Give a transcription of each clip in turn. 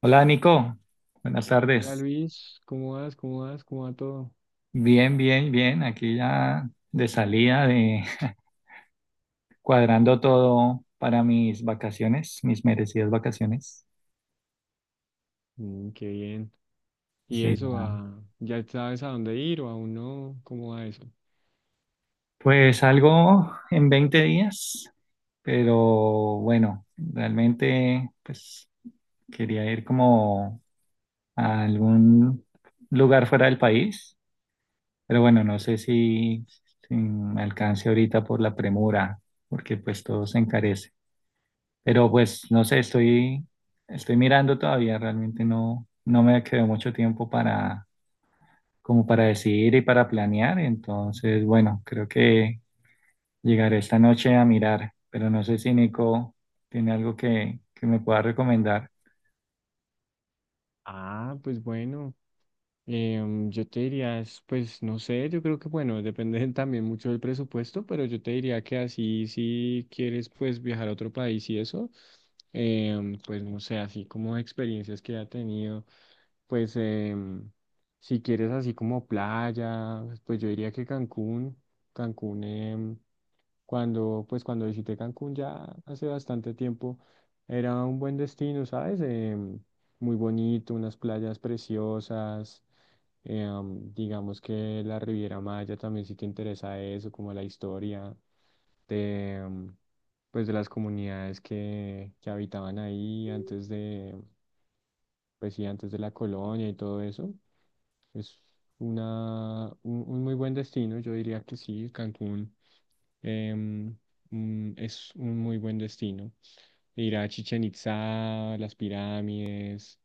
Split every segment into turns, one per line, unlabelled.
Hola Nico, buenas
Hola
tardes.
Luis, ¿cómo vas? ¿Cómo va todo?
Bien, bien, bien. Aquí ya de salida, de cuadrando todo para mis vacaciones, mis merecidas vacaciones.
Mm, qué bien. ¿Y
Sí,
eso,
ya.
ya sabes a dónde ir o aún no? ¿Cómo va eso?
Pues algo en 20 días, pero bueno, realmente pues quería ir como a algún lugar fuera del país, pero bueno, no sé si me alcance ahorita por la premura, porque pues todo se encarece. Pero pues no sé, estoy mirando todavía, realmente no, no me quedó mucho tiempo para, como para decidir y para planear. Entonces, bueno, creo que llegaré esta noche a mirar, pero no sé si Nico tiene algo que me pueda recomendar.
Ah, pues bueno. Yo te diría, pues no sé, yo creo que bueno, depende también mucho del presupuesto, pero yo te diría que así si quieres pues viajar a otro país y eso, pues no sé, así como experiencias que ha tenido, pues si quieres así como playa, pues yo diría que Cancún, Cancún, em, cuando visité Cancún ya hace bastante tiempo, era un buen destino, ¿sabes? Muy bonito, unas playas preciosas. Digamos que la Riviera Maya también sí te interesa eso, como la historia de, pues de las comunidades que habitaban ahí pues sí, antes de la colonia y todo eso. Es un muy buen destino, yo diría que sí, Cancún em, es un muy buen destino. Ir a Chichen Itzá, las pirámides,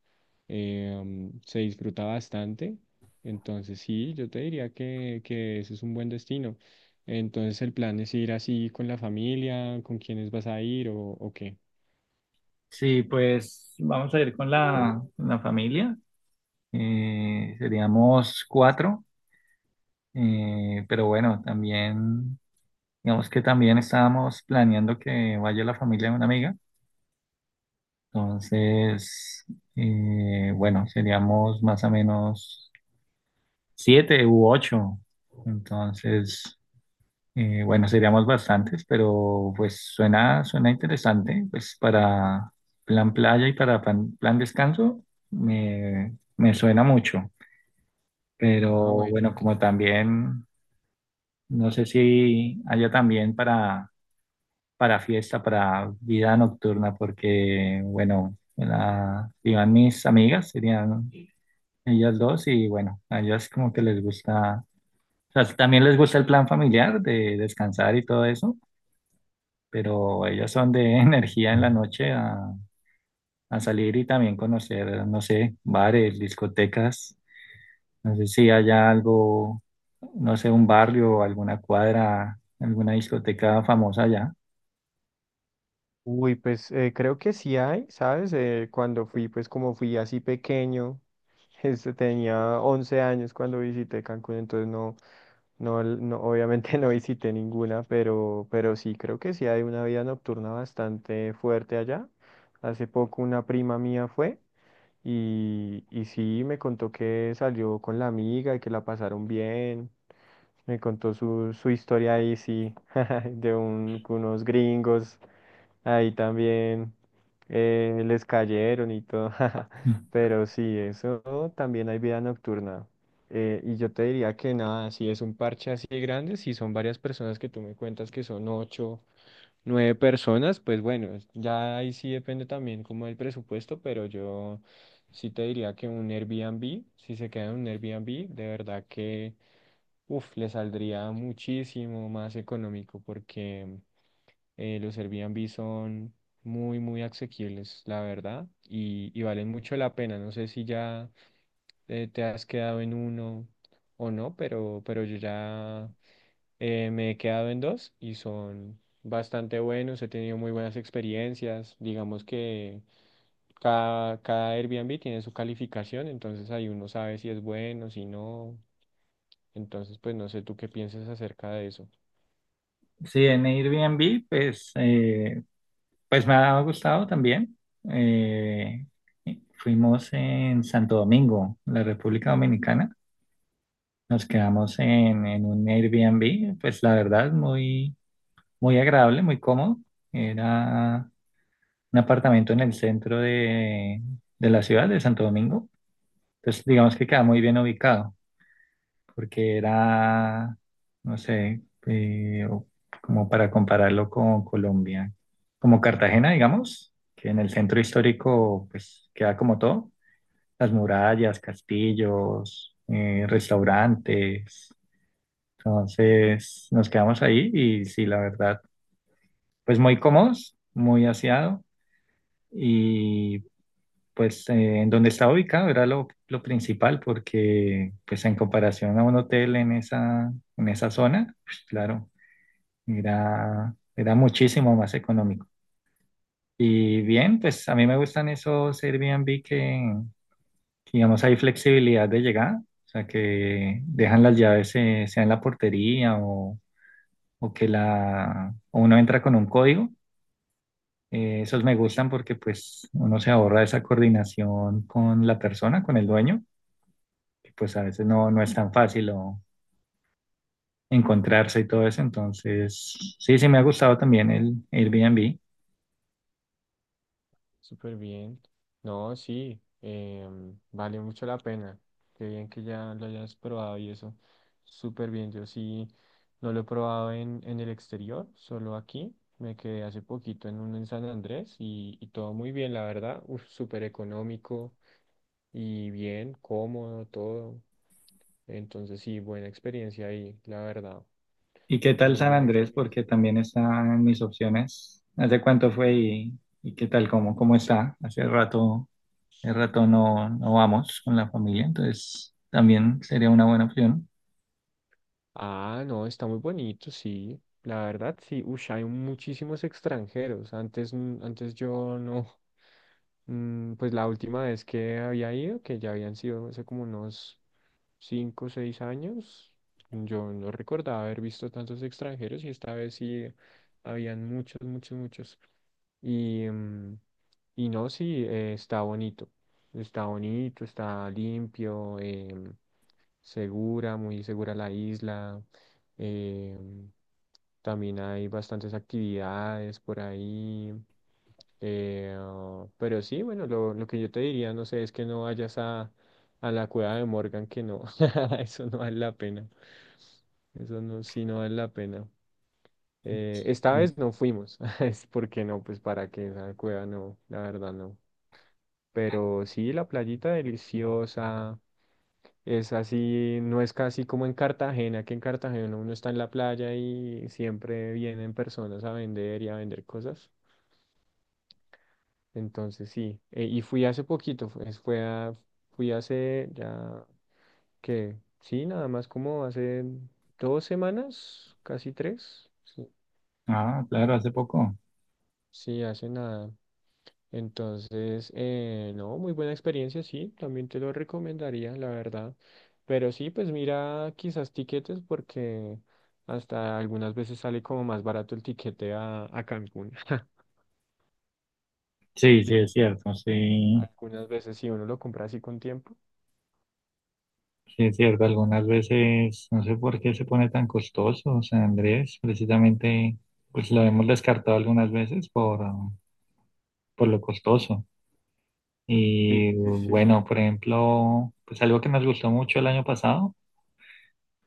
se disfruta bastante. Entonces sí, yo te diría que ese es un buen destino. Entonces el plan es ir así con la familia, ¿con quiénes vas a ir o qué?
Sí, pues vamos a ir con la familia. Seríamos cuatro, pero bueno, también, digamos que también estábamos planeando que vaya la familia de una amiga. Entonces, bueno, seríamos más o menos 7 u 8. Entonces, bueno, seríamos bastantes, pero pues suena interesante. Pues para plan playa y para plan descanso me suena mucho. Pero
Ah, bueno,
bueno,
ok.
como también, no sé si haya también para fiesta, para vida nocturna, porque bueno, iban mis amigas, serían ellas dos y bueno, a ellas como que les gusta, o sea, también les gusta el plan familiar de descansar y todo eso, pero ellas son de energía en la noche a salir y también conocer, no sé, bares, discotecas, no sé si haya algo, no sé, un barrio, alguna cuadra, alguna discoteca famosa allá.
Uy, pues creo que sí hay, ¿sabes? Cuando fui, pues como fui así pequeño, este, tenía 11 años cuando visité Cancún, entonces no, no, no, obviamente no visité ninguna, pero sí, creo que sí hay una vida nocturna bastante fuerte allá. Hace poco una prima mía fue y sí me contó que salió con la amiga y que la pasaron bien. Me contó su historia ahí, sí, de unos gringos ahí también les cayeron y todo. Pero sí, eso también hay vida nocturna. Y yo te diría que nada, si es un parche así grande, si son varias personas que tú me cuentas que son ocho, nueve personas, pues bueno, ya ahí sí depende también como el presupuesto, pero yo sí te diría que un Airbnb, si se queda en un Airbnb, de verdad que, uff, le saldría muchísimo más económico porque... los Airbnb son muy, muy asequibles, la verdad, y valen mucho la pena. No sé si ya te has quedado en uno o no, pero yo ya me he quedado en dos y son bastante buenos. He tenido muy buenas experiencias. Digamos que cada Airbnb tiene su calificación, entonces ahí uno sabe si es bueno, si no. Entonces, pues no sé tú qué piensas acerca de eso.
Sí, en Airbnb, pues me ha gustado también. Eh, fuimos en Santo Domingo, la República Dominicana. Nos quedamos en un Airbnb, pues la verdad, muy, muy agradable, muy cómodo. Era un apartamento en el centro de la ciudad de Santo Domingo. Entonces, digamos que queda muy bien ubicado, porque era, no sé, como para compararlo con Colombia, como Cartagena, digamos, que en el centro histórico, pues queda como todo, las murallas, castillos, restaurantes. Entonces nos quedamos ahí y sí, la verdad, pues muy cómodos, muy aseado y pues en donde estaba ubicado era lo principal porque pues en comparación a un hotel en esa zona, pues claro, era muchísimo más económico. Y bien, pues a mí me gustan esos Airbnb que, digamos, hay flexibilidad de llegada, o sea, que dejan las llaves sea en la portería o uno entra con un código. Esos me gustan porque pues uno se ahorra esa coordinación con la persona, con el dueño, que pues a veces no, no es tan fácil o encontrarse y todo eso. Entonces, sí, sí me ha gustado también el Airbnb.
Súper bien. No, sí, vale mucho la pena. Qué bien que ya lo hayas probado y eso. Súper bien. Yo sí no lo he probado en el exterior, solo aquí. Me quedé hace poquito en un en San Andrés y todo muy bien, la verdad. Uf, súper económico y bien, cómodo, todo. Entonces sí, buena experiencia ahí, la verdad.
¿Y qué tal
Muy
San
buena
Andrés?
experiencia.
Porque también está en mis opciones. ¿Hace cuánto fue y qué tal? ¿Cómo está? Hace rato, no, no vamos con la familia, entonces también sería una buena opción.
Ah, no, está muy bonito, sí. La verdad, sí. Ush, hay muchísimos extranjeros. Antes, antes yo no. Pues la última vez que había ido, que ya habían sido hace como unos 5 o 6 años, yo no recordaba haber visto tantos extranjeros y esta vez sí habían muchos, muchos, muchos. Y, mm, y no, sí, está bonito, está bonito, está limpio, segura, muy segura la isla. em, también hay bastantes actividades por ahí. Ah, pero sí, bueno, lo que yo te diría, no sé, es que no vayas a, la cueva de Morgan, que no, eso no vale la pena. Eso no, sí no vale la pena. Esta
Sí.
vez no fuimos, es porque no, pues para qué esa cueva no, la verdad no. Pero sí, la playita deliciosa, es así, no es casi como en Cartagena, que en Cartagena uno está en la playa y siempre vienen personas a vender y a vender cosas. Entonces sí, y fui hace poquito, fue, es- fue a- fui hace ya qué sí, nada más como hace 2 semanas, casi 3, sí,
Ah, claro, hace poco.
sí, hace nada. Entonces, no, muy buena experiencia, sí, también te lo recomendaría, la verdad. Pero sí, pues mira quizás tiquetes porque hasta algunas veces sale como más barato el tiquete a Cancún.
Sí, sí, es
Sí,
cierto, sí,
algunas veces si uno lo compra así con tiempo.
sí, es cierto. Algunas veces, no sé por qué se pone tan costoso San Andrés, precisamente, pues lo hemos descartado algunas veces por lo costoso.
Sí,
Y
sí, sí.
bueno, por ejemplo, pues algo que nos gustó mucho el año pasado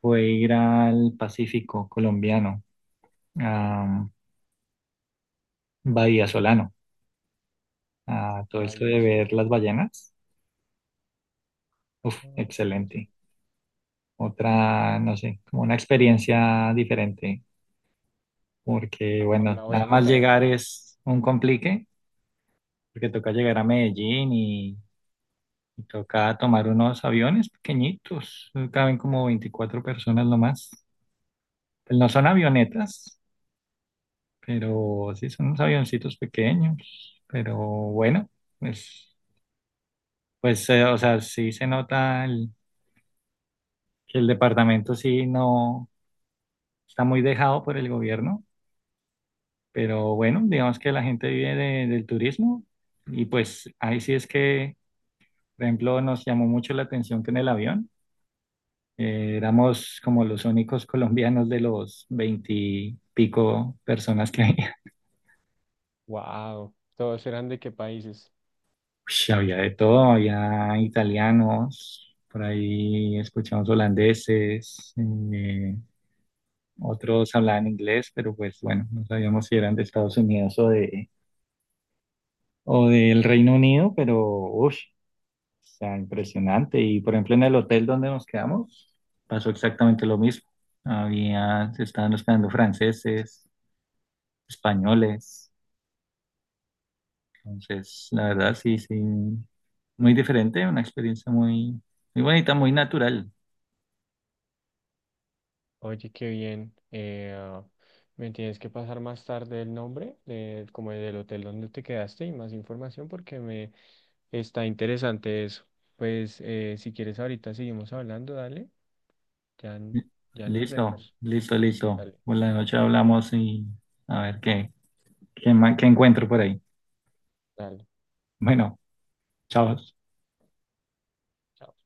fue ir al Pacífico colombiano, a Bahía Solano, a todo esto
Vaya.
de ver las ballenas.
Voy
Uf,
a anotar-
excelente. Otra, no sé, como una experiencia diferente porque
Ah,
bueno,
la voy a
nada más
anotar acá.
llegar es un complique, porque toca llegar a Medellín y toca tomar unos aviones pequeñitos, caben como 24 personas nomás. Pues no son avionetas, pero sí son unos avioncitos pequeños, pero bueno, pues, pues o sea, sí se nota que el departamento sí no está muy dejado por el gobierno, pero bueno, digamos que la gente vive del turismo y pues ahí sí es que. Por ejemplo, nos llamó mucho la atención que en el avión éramos como los únicos colombianos de los veintipico personas que había.
Wow, todos eran de qué países.
Ush, había de todo, había italianos, por ahí escuchamos holandeses, eh, otros hablaban inglés, pero pues bueno, no sabíamos si eran de Estados Unidos o del Reino Unido, pero uff. O sea, impresionante. Y por ejemplo, en el hotel donde nos quedamos, pasó exactamente lo mismo. Se estaban hospedando franceses, españoles. Entonces, la verdad, sí, sí, muy diferente, una experiencia muy, muy bonita, muy natural.
Oye, qué bien. Ah, me tienes que pasar más tarde el nombre, de, como del hotel donde te quedaste y más información porque me está interesante eso. Pues si quieres ahorita seguimos hablando, dale. Ya, ya nos
Listo,
vemos.
listo, listo.
Dale,
Por la noche hablamos y a ver qué encuentro por ahí.
dale.
Bueno, chao.
Chao.